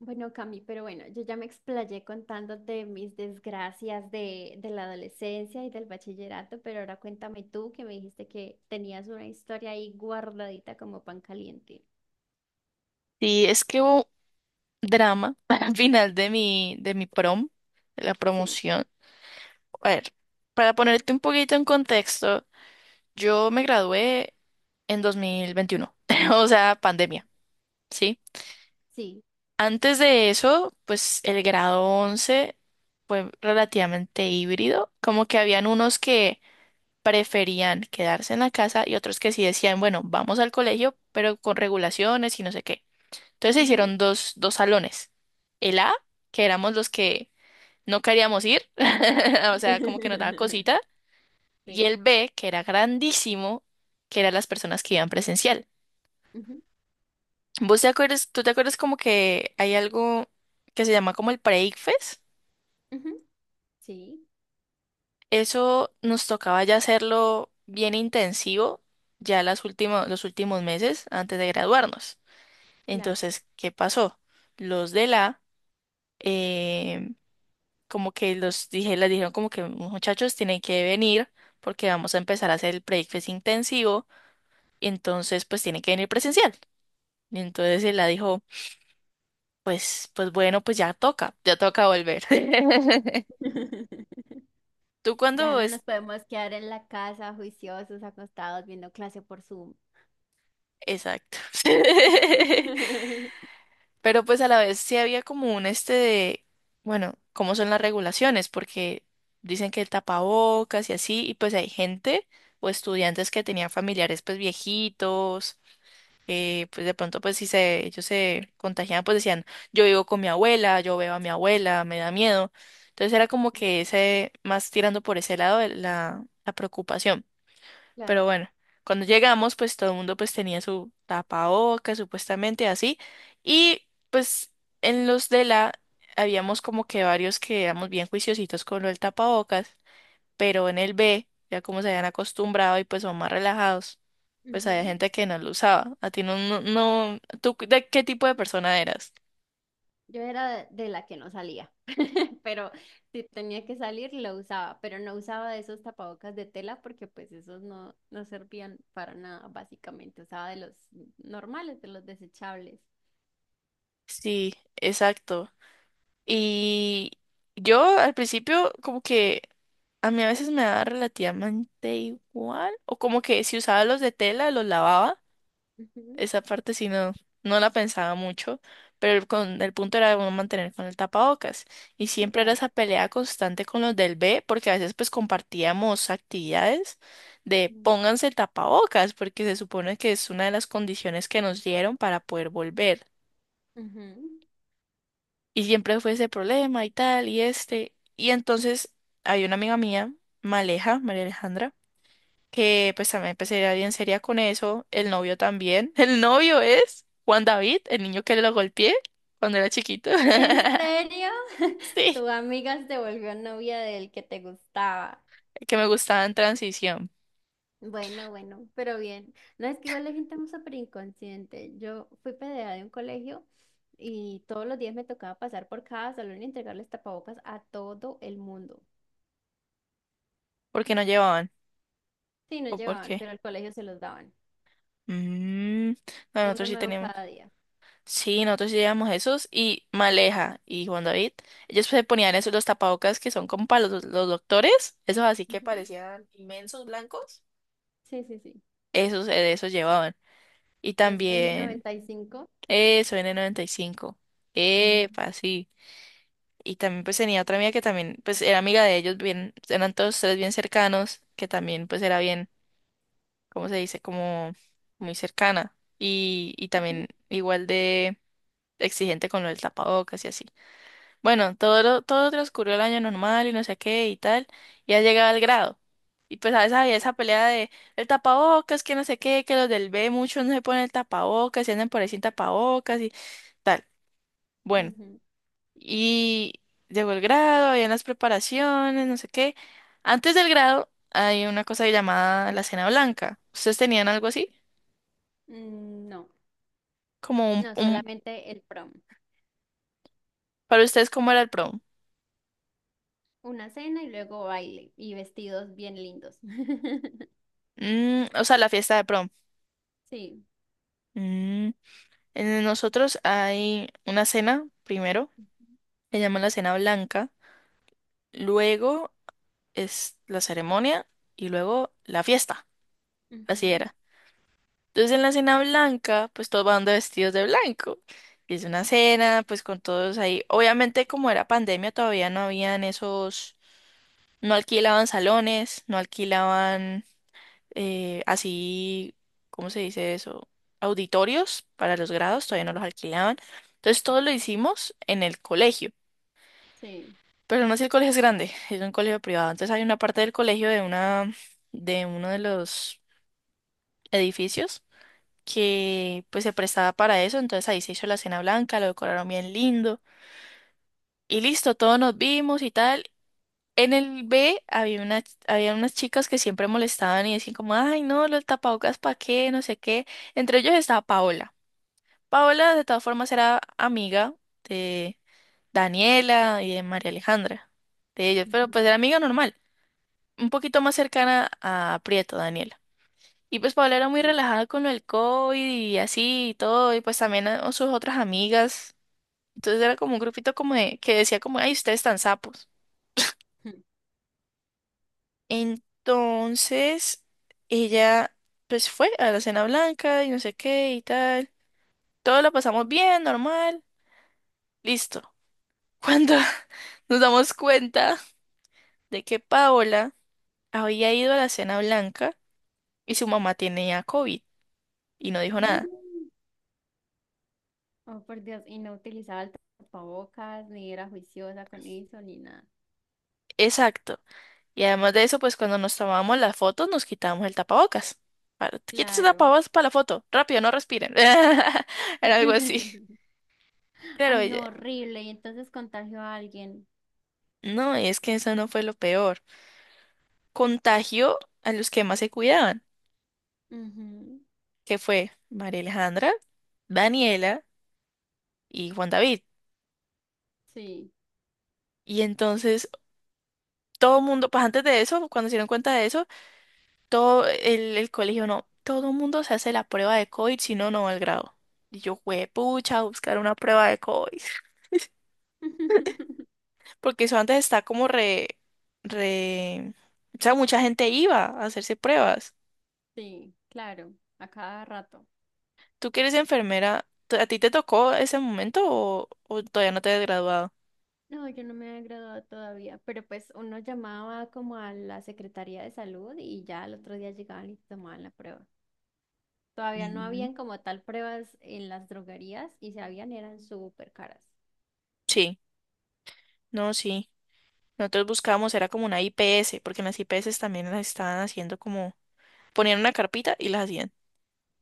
Bueno, Cami, pero bueno, yo ya me explayé contándote mis desgracias de la adolescencia y del bachillerato, pero ahora cuéntame tú que me dijiste que tenías una historia ahí guardadita como pan caliente. Sí, es que hubo drama al final de mi prom, de la Sí. promoción. A ver, para ponerte un poquito en contexto, yo me gradué en 2021 o sea, pandemia, ¿sí? Sí. Antes de eso, pues el grado 11 fue relativamente híbrido, como que habían unos que preferían quedarse en la casa y otros que sí decían, bueno, vamos al colegio, pero con regulaciones y no sé qué. Entonces se Ujú. hicieron dos salones. El A, que éramos los que no queríamos ir, o sea, como que nos daba cosita, y Sí. el B, que era grandísimo, que eran las personas que iban presencial. Ujú, ¿Tú te acuerdas como que hay algo que se llama como el pre-ICFES? ujú, sí, Eso nos tocaba ya hacerlo bien intensivo ya los últimos meses antes de graduarnos. claro. Entonces, ¿qué pasó? Los de la como que les dijeron como que muchachos tienen que venir porque vamos a empezar a hacer el breakfast intensivo y entonces pues tienen que venir presencial. Y entonces él la dijo, pues bueno, pues ya toca volver. ¿Tú Ya cuándo no es? nos podemos quedar en la casa juiciosos, acostados, viendo clase por Zoom. Exacto. Pero pues a la vez sí había como un este de, bueno, ¿cómo son las regulaciones? Porque dicen que el tapabocas y así, y pues hay gente o estudiantes que tenían familiares pues viejitos pues de pronto, pues si se, ellos se contagiaban, pues decían, yo vivo con mi abuela, yo veo a mi abuela, me da miedo. Entonces era como que ese, más tirando por ese lado de la preocupación. Claro. Pero bueno, cuando llegamos, pues todo el mundo pues tenía su tapabocas, supuestamente así. Y pues en los de la, habíamos como que varios que éramos bien juiciositos con lo del tapabocas, pero en el B, ya como se habían acostumbrado y pues son más relajados, pues había gente que no lo usaba. A ti no, no, no, ¿tú de qué tipo de persona eras? Yo era de la que no salía, pero si tenía que salir lo usaba, pero no usaba esos tapabocas de tela porque pues esos no servían para nada, básicamente. Usaba de los normales, de los desechables. Sí, exacto. Y yo al principio como que a mí a veces me daba relativamente igual, o como que si usaba los de tela, los lavaba. Ujú, Esa parte sí no la pensaba mucho, pero el punto era uno mantener con el tapabocas. Y sí, siempre era claro. esa pelea constante con los del B, porque a veces pues compartíamos actividades de Mm. pónganse el tapabocas, porque se supone que es una de las condiciones que nos dieron para poder volver. Ujú. Y siempre fue ese problema y tal, y este. Y entonces hay una amiga mía, Maleja, María Alejandra, que pues también empecé a ir bien seria con eso. El novio también. El novio es Juan David, el niño que lo golpeé cuando era chiquito. ¿En serio? Sí, Tu amiga se volvió novia del que te gustaba. el que me gustaba en transición. Bueno, bueno, pero bien. No, es que igual la gente es súper inconsciente. Yo fui PDA de un colegio y todos los días me tocaba pasar por cada salón y entregarles tapabocas a todo el mundo. ¿Por qué no llevaban? Sí, no ¿O por llevaban, qué? pero al colegio se los daban. Mm, no, nosotros Uno sí nuevo teníamos. cada día. Sí, nosotros sí llevamos esos y Maleja y Juan David. Ellos se ponían esos los tapabocas que son como para los doctores. Esos así que Ujú. parecían inmensos blancos. Sí, sí, sí. Esos, esos llevaban. Y Los también. N95. Eso, N95. Mm. Epa, sí. Y también pues tenía otra amiga que también pues era amiga de ellos, bien, eran todos tres bien cercanos, que también pues era bien, ¿cómo se dice? Como muy cercana. Y Ujú. también igual de exigente con lo del tapabocas y así. Bueno, todo, todo transcurrió el año normal y no sé qué y tal, y ha llegado al grado. Y pues a veces había Sí. esa pelea de el tapabocas, que no sé qué, que los del B muchos no se ponen el tapabocas y andan por ahí sin tapabocas y tal. Bueno. Ujú. Y llegó el grado, habían las preparaciones, no sé qué. Antes del grado hay una cosa llamada la cena blanca. ¿Ustedes tenían algo así? Mm, no, Como un, no, solamente el prom. para ustedes, ¿cómo era el prom? Una cena y luego baile y vestidos bien lindos. Mm, o sea, la fiesta de prom. Sí. Mm, en nosotros hay una cena primero, que llaman la cena blanca. Luego es la ceremonia y luego la fiesta. Así Ujú. era. Entonces en la cena blanca, pues todos van de vestidos de blanco. Y es una cena, pues con todos ahí. Obviamente como era pandemia, todavía no habían esos, no alquilaban salones, no alquilaban así, ¿cómo se dice eso? Auditorios para los grados, todavía Sí. no los alquilaban. Entonces todo lo hicimos en el colegio. Sí. Pero no sé si el colegio es grande, es un colegio privado. Entonces hay una parte del colegio de uno de los edificios que pues se prestaba para eso, entonces ahí se hizo la cena blanca, lo decoraron bien lindo y listo, todos nos vimos y tal. En el B había unas chicas que siempre molestaban y decían como, ay no, los tapabocas para qué, no sé qué. Entre ellos estaba Paola. Paola de todas formas era amiga de Daniela y de María Alejandra, de ellos, pero Ujú, pues era amiga normal, un poquito más cercana a Prieto, Daniela. Y pues Paola era muy sí. relajada con el COVID y así y todo, y pues también a- sus otras amigas. Entonces era como un grupito como de, que decía como, ay, ustedes están sapos. Entonces ella pues fue a la cena blanca y no sé qué y tal. Todo lo pasamos bien, normal, listo. Cuando nos damos cuenta de que Paola había ido a la cena blanca y su mamá tenía COVID y no dijo nada. Mm. Oh, por Dios, y no utilizaba el tapabocas, ni era juiciosa con eso, ni nada. Exacto. Y además de eso, pues cuando nos tomábamos las fotos, nos quitábamos el tapabocas. Para, quítese el Claro. tapabocas para la foto. Rápido, no respiren. Era algo así. Claro, Ay, ella. no, horrible. Y entonces contagió a alguien. No, y es que eso no fue lo peor. Contagió a los que más se cuidaban, Ujú, que fue María Alejandra, Daniela y Juan David. sí. Y entonces todo el mundo, pues antes de eso, cuando se dieron cuenta de eso, todo el colegio, no, todo el mundo se hace la prueba de COVID, si no, no va al grado. Y yo, pucha, buscar una prueba de COVID. Porque eso antes está como re. O sea, mucha gente iba a hacerse pruebas. Sí, claro, a cada rato. ¿Tú que eres enfermera? ¿A ti te tocó ese momento o todavía no te has graduado? No, yo no me había graduado todavía, pero pues uno llamaba como a la Secretaría de Salud y ya al otro día llegaban y tomaban la prueba. Todavía no Mm. habían como tal pruebas en las droguerías y si habían eran súper caras. Sí, no, sí. Nosotros buscábamos, era como una IPS, porque en las IPS también las estaban haciendo como... Ponían una carpita y las hacían.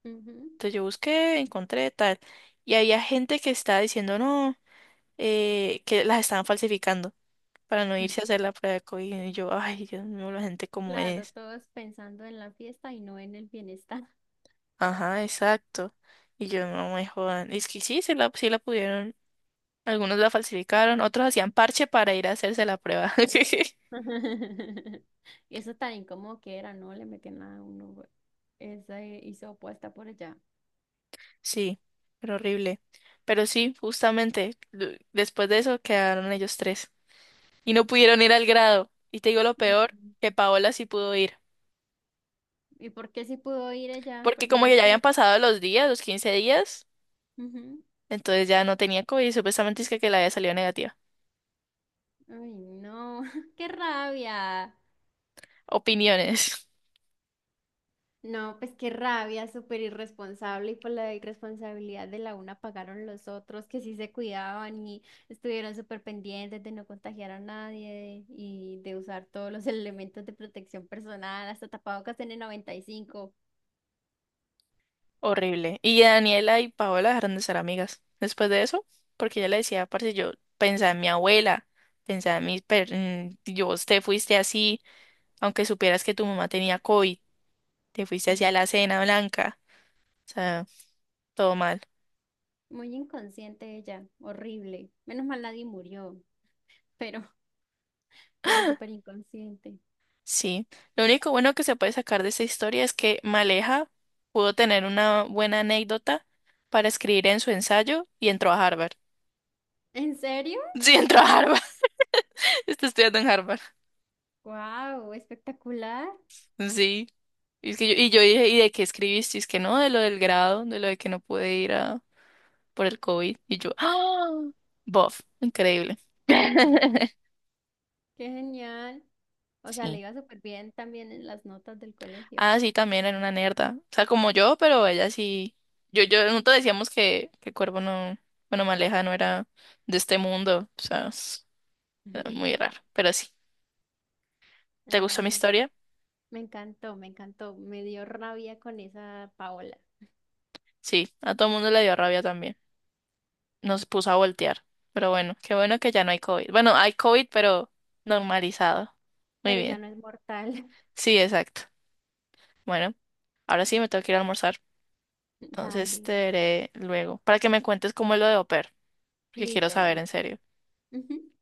Ujú. Entonces yo busqué, encontré, tal. Y había gente que estaba diciendo, no, que las estaban falsificando para no irse a hacer la prueba de COVID. Y yo, ay, Dios mío, la gente como Claro, es. todos pensando en la fiesta y no en el bienestar. Ajá, exacto. Y yo no me jodan. Es que sí, sí la pudieron. Algunos la falsificaron, otros hacían parche para ir a hacerse la prueba. Y eso tan incómodo que era, ¿no? Le metían a uno güey, esa hizo opuesta por allá. Sí, pero horrible. Pero sí, justamente, después de eso quedaron ellos tres. Y no pudieron ir al grado. Y te digo lo Ujú. peor, que Paola sí pudo ir. ¿Y por qué sí pudo ir ella? Porque Porque como ya no que ya habían tenía. pasado los días, los 15 días, Ujú. entonces ya no tenía COVID y supuestamente es que la había salido negativa. Ay, no, qué rabia. Opiniones. No, pues qué rabia, súper irresponsable y por la irresponsabilidad de la una pagaron los otros que sí se cuidaban y estuvieron súper pendientes de no contagiar a nadie y de usar todos los elementos de protección personal, hasta tapabocas en el 95. Horrible. Y Daniela y Paola dejaron de ser amigas después de eso, porque ella le decía, parce, yo pensaba en mi abuela, pensaba en mis... yo, vos te fuiste así, aunque supieras que tu mamá tenía COVID, te fuiste Mm, hacia la cena blanca, o sea, todo mal. muy inconsciente ella, horrible. Menos mal nadie murió, pero, pero súper inconsciente. Sí. Lo único bueno que se puede sacar de esta historia es que Maleja pudo tener una buena anécdota para escribir en su ensayo y entró a Harvard. ¿En serio? Sí, entró a Harvard. Está estudiando en Harvard. ¡Wow! Espectacular, Sí. Y yo dije, ¿y de qué escribiste? Y es que no, de lo del grado, de lo de que no pude ir a, por el COVID. Y yo, ¡ah! Bof, increíble. qué genial. O sea, le Sí. iba súper bien también en las notas del colegio. Ah, sí, también era una nerda. O sea, como yo, pero ella sí. Nosotros decíamos que, Cuervo no, bueno, Maleja no era de este mundo. O sea, era muy raro. Pero sí. ¿Te Ah, gustó mi bueno, sí. historia? Me encantó, me encantó. Me dio rabia con esa Paola, Sí, a todo el mundo le dio rabia también. Nos puso a voltear. Pero bueno, qué bueno que ya no hay COVID. Bueno, hay COVID, pero normalizado. Muy pero ya bien. no es mortal. Sí, exacto. Bueno, ahora sí me tengo que ir a almorzar. Entonces te Dale, veré luego para que me cuentes cómo es lo de au pair, porque quiero listo, saber en listo. serio. Ujú.